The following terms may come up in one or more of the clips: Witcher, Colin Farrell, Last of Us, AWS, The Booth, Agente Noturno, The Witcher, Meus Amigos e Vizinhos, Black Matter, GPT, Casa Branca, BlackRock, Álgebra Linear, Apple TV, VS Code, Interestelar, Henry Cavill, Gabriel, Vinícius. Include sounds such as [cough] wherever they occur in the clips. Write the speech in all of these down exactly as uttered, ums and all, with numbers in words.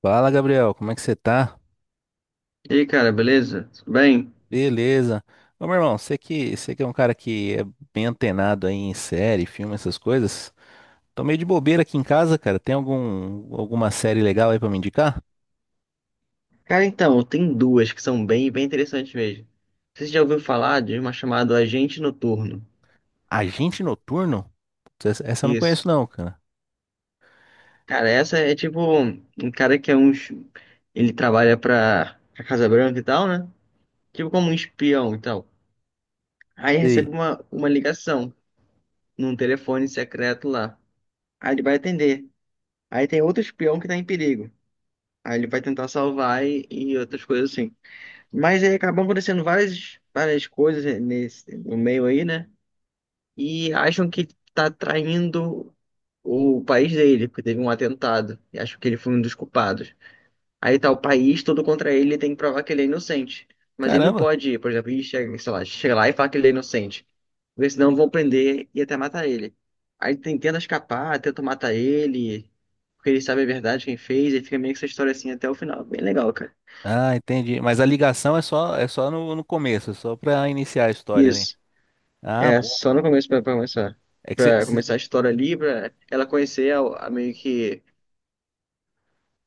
Fala, Gabriel, como é que você tá? E aí, cara, beleza? Tudo bem? Beleza. Ô, meu irmão, você que, você que é um cara que é bem antenado aí em série, filme, essas coisas. Tô meio de bobeira aqui em casa, cara. Tem algum, alguma série legal aí pra me indicar? Cara, então, tem duas que são bem, bem interessantes mesmo. Você já ouviu falar de uma chamada Agente Noturno? Agente Noturno? Putz, Essa, essa eu não conheço Isso. não, cara. Cara, essa é tipo um cara que é um. es- Ele trabalha pra, pra Casa Branca e tal, né? Tipo como um espião e tal. Aí Sei. recebe uma, uma ligação num telefone secreto lá. Aí ele vai atender. Aí tem outro espião que tá em perigo. Aí ele vai tentar salvar e, e outras coisas assim. Mas aí acabam acontecendo várias, várias coisas nesse, no meio aí, né? E acham que tá traindo o país dele, porque teve um atentado. E acham que ele foi um dos culpados. Aí tá o país todo contra ele, ele tem que provar que ele é inocente. Mas ele não Caramba. pode, por exemplo, ir, chega, sei lá, chega lá e falar que ele é inocente. Porque senão vão prender e até matar ele. Aí tem, tenta escapar, tenta matar ele, porque ele sabe a verdade, quem fez, e fica meio que essa história assim até o final. Bem legal, cara. Ah, entendi. Mas a ligação é só, é só no, no começo, é só pra iniciar a história ali. Isso. Ah, É, bom. só no começo pra, pra começar. É que você... Pra você- começar a história ali, pra ela conhecer a, a meio que.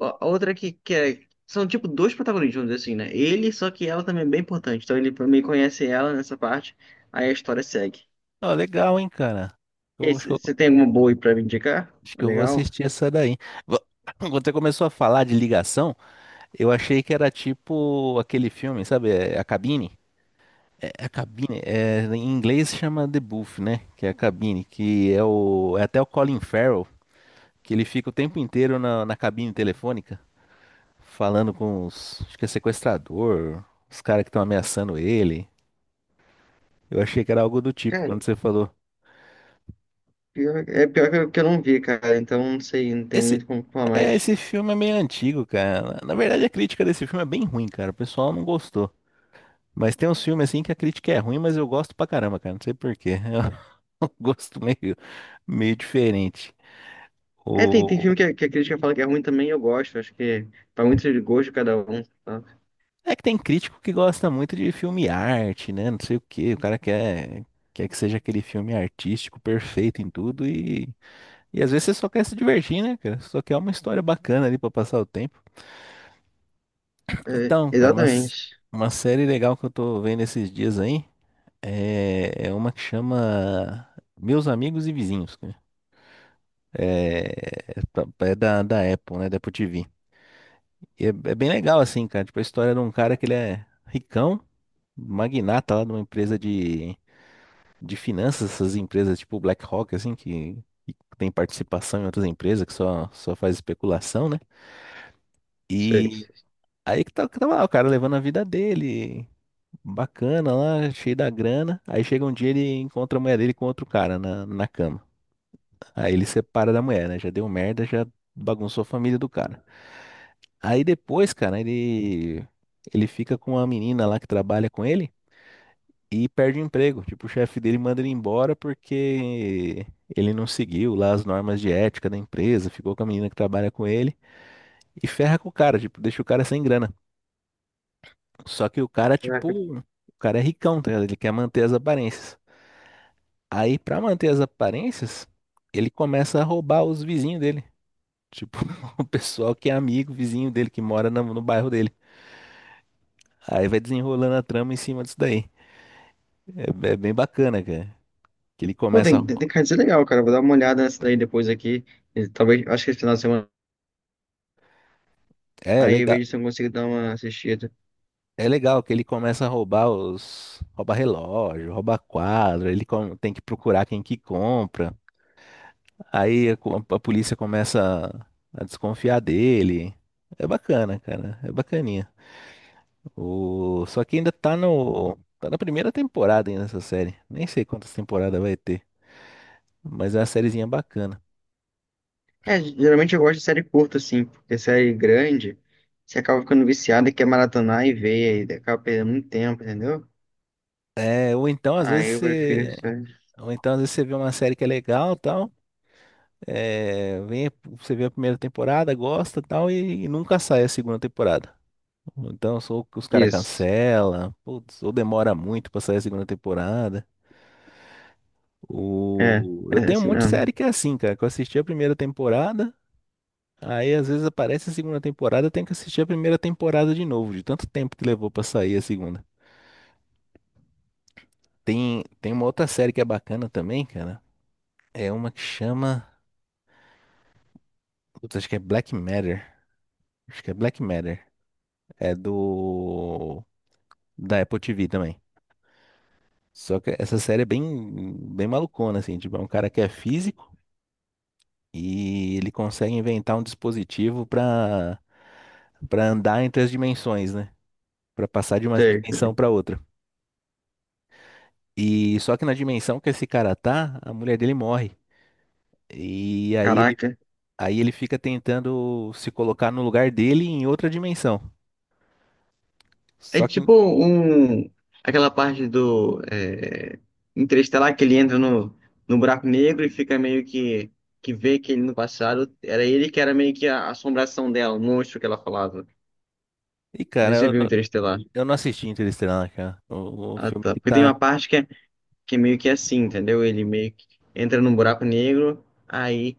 A, a outra que, que é. São tipo dois protagonistas, vamos dizer assim, né? Ele, só que ela também é bem importante. Então ele meio que conhece ela nessa parte, aí a história segue. Ó, legal, hein, cara. E Eu aí, acho que eu, você tem alguma boa aí pra me indicar? acho que eu vou Legal? assistir essa daí. Vo- [coughs] [clears throat] Quando você começou a falar de ligação, eu achei que era tipo aquele filme, sabe? é, A Cabine. É, a Cabine. É, em inglês chama The Booth, né? Que é a cabine. Que é o. É até o Colin Farrell, que ele fica o tempo inteiro na, na cabine telefônica, falando com os. Acho que é sequestrador, os caras que estão ameaçando ele. Eu achei que era algo do tipo Cara, quando você falou. pior- é pior que eu, que eu não vi, cara. Então não sei, não tem Esse, muito como falar é, mais. esse filme é meio antigo, cara. Na verdade, a crítica desse filme é bem ruim, cara. O pessoal não gostou. Mas tem uns filmes assim que a crítica é ruim, mas eu gosto pra caramba, cara. Não sei por quê. [laughs] um [laughs] gosto meio, meio diferente. É, tem, tem O... filme que, a- que a crítica fala que é ruim também, eu gosto. Acho que vai muito de gosto de cada um. Tá? É que tem crítico que gosta muito de filme arte, né? Não sei o quê. O cara quer, quer que seja aquele filme artístico perfeito em tudo e, e às vezes você só quer se divertir, né, cara? Só quer uma história bacana ali pra passar o tempo. É, Então, cara, uma, s- exatamente. uma série legal que eu tô vendo esses dias aí é, é uma que chama Meus Amigos e Vizinhos, cara. É, é da, da Apple, né? Da Apple T V. E é, é bem legal, assim, cara. Tipo, a história de um cara que ele é ricão, magnata lá de uma empresa de, de finanças, essas empresas tipo BlackRock, assim, que, que tem participação em outras empresas, que só, só faz especulação, né? Sei. E aí que tá- que tava lá, o cara levando a vida dele, bacana lá, cheio da grana. Aí chega um dia ele encontra a mulher dele com outro cara na, na cama. Aí ele separa da mulher, né? Já deu merda, já bagunçou a família do cara. Aí depois, cara, ele ele fica com uma menina lá que trabalha com ele e perde o emprego. Tipo, o chefe dele manda ele embora porque ele não seguiu lá as normas de ética da empresa, ficou com a menina que trabalha com ele e ferra com o cara, tipo, deixa o cara sem grana. Só que o cara, tipo, o cara é ricão, tá ligado? Ele quer manter as aparências. Aí, pra manter as aparências, ele começa a roubar os vizinhos dele. Tipo, [laughs] o pessoal que é amigo, vizinho dele, que mora na- no bairro dele. Aí vai desenrolando a trama em cima disso daí. É, é bem bacana, cara. Que ele Pô, começa. A tem, tem rou- tem cards legal, cara. Vou dar uma olhada nessa daí depois aqui. E talvez, acho que esse final de semana. É Aí eu legal, vejo se eu consigo dar uma assistida. é legal que ele começa a roubar os. Rouba relógio, rouba quadro, ele com- tem que procurar quem que compra. Aí a, co- a polícia começa a desconfiar dele. É bacana, cara. É bacaninha. O... Só que ainda tá no. Tá na primeira temporada ainda essa série. Nem sei quantas temporadas vai ter. Mas é uma sériezinha bacana. É, geralmente eu gosto de série curta, assim, porque série grande, você acaba ficando viciado e quer maratonar e ver, e acaba perdendo muito tempo, entendeu? É, ou então às vezes Aí eu prefiro você. série. Ou então às vezes você vê uma série que é legal, tal. É, vem, você vê a primeira temporada, gosta e tal, e, e nunca sai a segunda temporada. Então, sou que os caras Isso. cancela, putz, ou demora muito pra sair a segunda temporada. É, O... Eu é tenho um assim monte de mesmo. série que é assim, cara, que eu assisti a primeira temporada, aí às vezes aparece a segunda temporada, eu tenho que assistir a primeira temporada de novo, de tanto tempo que levou pra sair a segunda. Tem, tem uma outra série que é bacana também, cara. É uma que chama. Putz, acho que é Black Matter. Acho que é Black Matter. É do da Apple T V também. Só que essa série é bem, bem malucona, assim, tipo, é um cara que é físico e ele consegue inventar um dispositivo para para andar entre as dimensões, né? Para passar de uma Sei. dimensão para outra. E só que na dimensão que esse cara tá, a mulher dele morre. E aí ele, Caraca. aí ele fica tentando se colocar no lugar dele em outra dimensão. É Só que, tipo um, aquela parte do é, Interestelar que ele entra no, no buraco negro e fica meio que, que vê que ele no passado era ele que era meio que a assombração dela, o monstro que ela falava. Não e sei cara, se você viu eu, Interestelar. eu não assisti Interestelar, cara. O, o Ah, filme tá. que Porque tem tá. uma parte que é, que é meio que assim, entendeu? Ele meio que entra num buraco negro, aí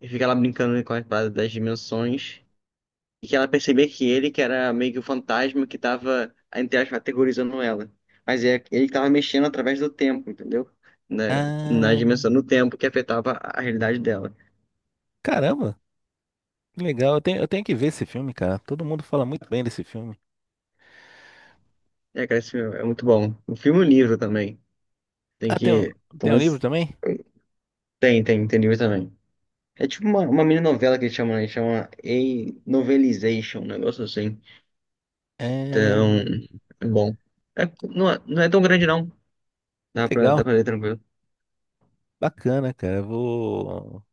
ele fica lá brincando com as paradas das dimensões. E que ela percebia que ele, que era meio que o fantasma que tava, entre aspas, aterrorizando ela. Mas é, ele que tava mexendo através do tempo, entendeu? Na, Na Ah, dimensão do tempo que afetava a realidade dela. caramba! Legal, eu tenho, eu tenho que ver esse filme, cara. Todo mundo fala muito bem desse filme. É, cara, esse filme é muito bom. O filme e o livro também. Tem Ah, tem um, que. tem um livro mas- também? Tem, tem, tem livro também. É tipo uma, uma mini novela que eles chamam, né? Eles chamam a Novelization, um negócio assim. É... Então, é bom. É, não, é, não é tão grande, não. Dá pra, Legal, dá pra ler tranquilo. bacana, cara. Eu Vou,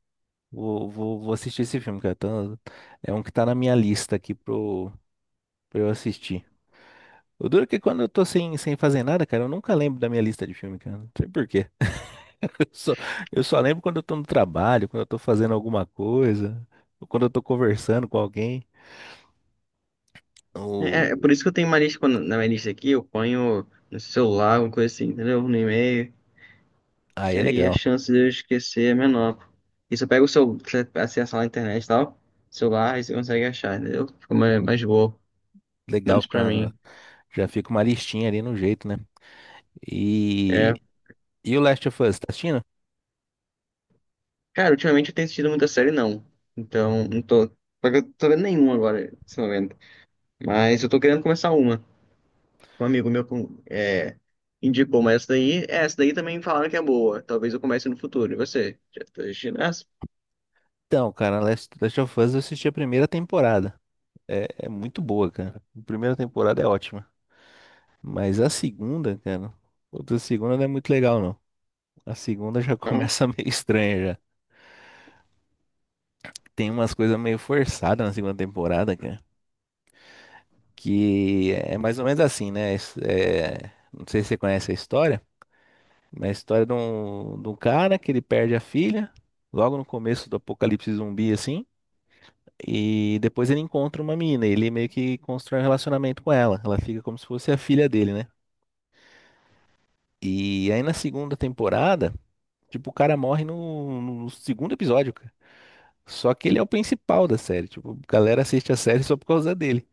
vou, vou, vou assistir esse filme, cara. Tá- é um que tá na minha lista aqui pro, pra eu assistir. O duro é que quando eu tô sem, sem fazer nada, cara, eu nunca lembro da minha lista de filme, cara. Não sei por quê. [laughs] Eu só, eu só lembro quando eu tô no trabalho, quando eu tô fazendo alguma coisa, ou quando eu tô conversando com alguém. É, é O... por isso que eu tenho uma lista, quando, na minha lista aqui, eu ponho no celular, alguma coisa assim, entendeu? No e-mail, Aí que é aí a legal. chance de eu esquecer é menor. E se eu pego o seu, se você acessa lá na internet e tal, celular, aí você consegue achar, entendeu? Fica mais, mais boa, Legal menos pra ficar. mim. Já fica uma listinha ali no jeito, né? E, É, e o Last of Us, tá assistindo? cara, ultimamente eu tenho assistido muita série, não. Então, não tô, só que eu tô vendo nenhuma agora, nesse momento. Mas eu tô querendo começar uma. Um amigo meu com- é, indicou, mas essa daí, essa daí também falaram que é boa. Talvez eu comece no futuro. E você? Já tá assistindo essa? Então, cara, Last, Last of Us eu assisti a primeira temporada. É, é muito boa, cara. A primeira temporada é ótima. Mas a segunda, cara, outra segunda não é muito legal, não. A segunda já Então, começa [laughs] meio estranha já. Tem umas coisas meio forçadas na segunda temporada, cara. Que é mais ou menos assim, né? Es- é, não sei se você conhece a história. É a história de um, de um cara que ele perde a filha, logo no começo do apocalipse zumbi, assim. E depois ele encontra uma menina, e ele meio que constrói um relacionamento com ela. Ela fica como se fosse a filha dele, né? E aí na segunda temporada, tipo, o cara morre no, no segundo episódio, cara. Só que ele é o principal da série. Tipo, a galera assiste a série só por causa dele.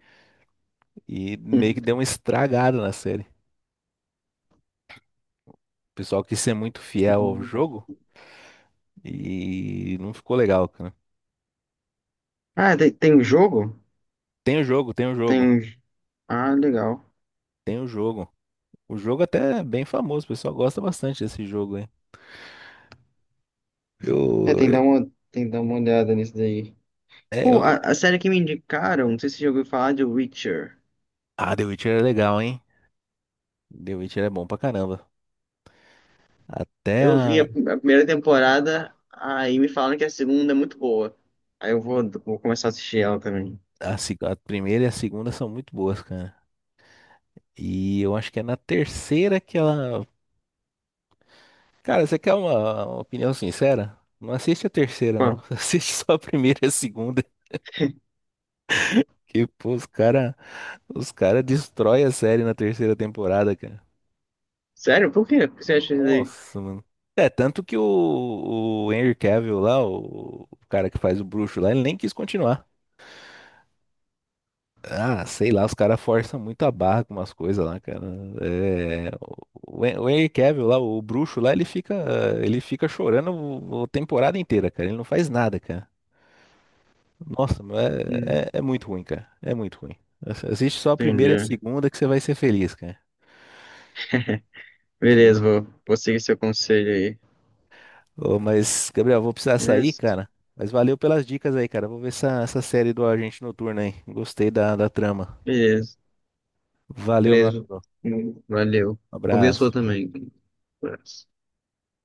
E meio que [laughs] deu uma estragada na série. O pessoal quis ser muito fiel ao uhum. jogo e não ficou legal, cara. Ah, tem, tem um jogo? Tem o jogo, tem o jogo, Tem. Ah, legal. tem o jogo. O jogo até é bem famoso, o pessoal gosta bastante desse jogo, hein? É, tem que Eu, dar uma, tem que dar uma olhada nisso daí. é, Pô, eu- a, a série que me indicaram, não sei se você já ouviu falar de Witcher. Ah, The Witcher é legal, hein? The Witcher é bom pra caramba. Até Eu vi a, a, a primeira temporada, aí me falaram que a segunda é muito boa. Aí eu vou, vou começar a assistir ela também. a, se- a primeira e a segunda são muito boas, cara. E eu acho que é na terceira que ela. Cara, você quer uma, uma opinião sincera? Não assiste a terceira, não. Pô, [laughs] Assiste só a primeira e a segunda. Que, pô, os cara, os cara destrói a série na terceira temporada, cara. sério? Por quê? Por que você acha isso aí? Nossa, mano. É, tanto que o, o Henry Cavill lá, o, o cara que faz o bruxo lá, ele nem quis continuar. Ah, sei lá, os caras forçam muito a barra com umas coisas lá, cara. É, o, Hen- o Henry Cavill lá, o bruxo lá, ele fica, ele fica chorando o- a temporada inteira, cara. Ele não faz nada, cara. Nossa, mano, Hum, é, é, é muito ruim, cara. É muito ruim. Ass- Assiste só a primeira e a Entendi. segunda que você vai ser feliz, cara. [laughs] Que Beleza, vou, vou seguir seu conselho aí. Ô, mas, Gabriel, vou precisar sair, Beleza? cara. Mas valeu pelas dicas aí, cara. Vou ver essa, essa série do Agente Noturno aí. Gostei da, da trama. Beleza. Valeu, meu Beleza. amigo. Hum, Valeu. Um Vou ver a sua abraço. Tchau. também. Abraço.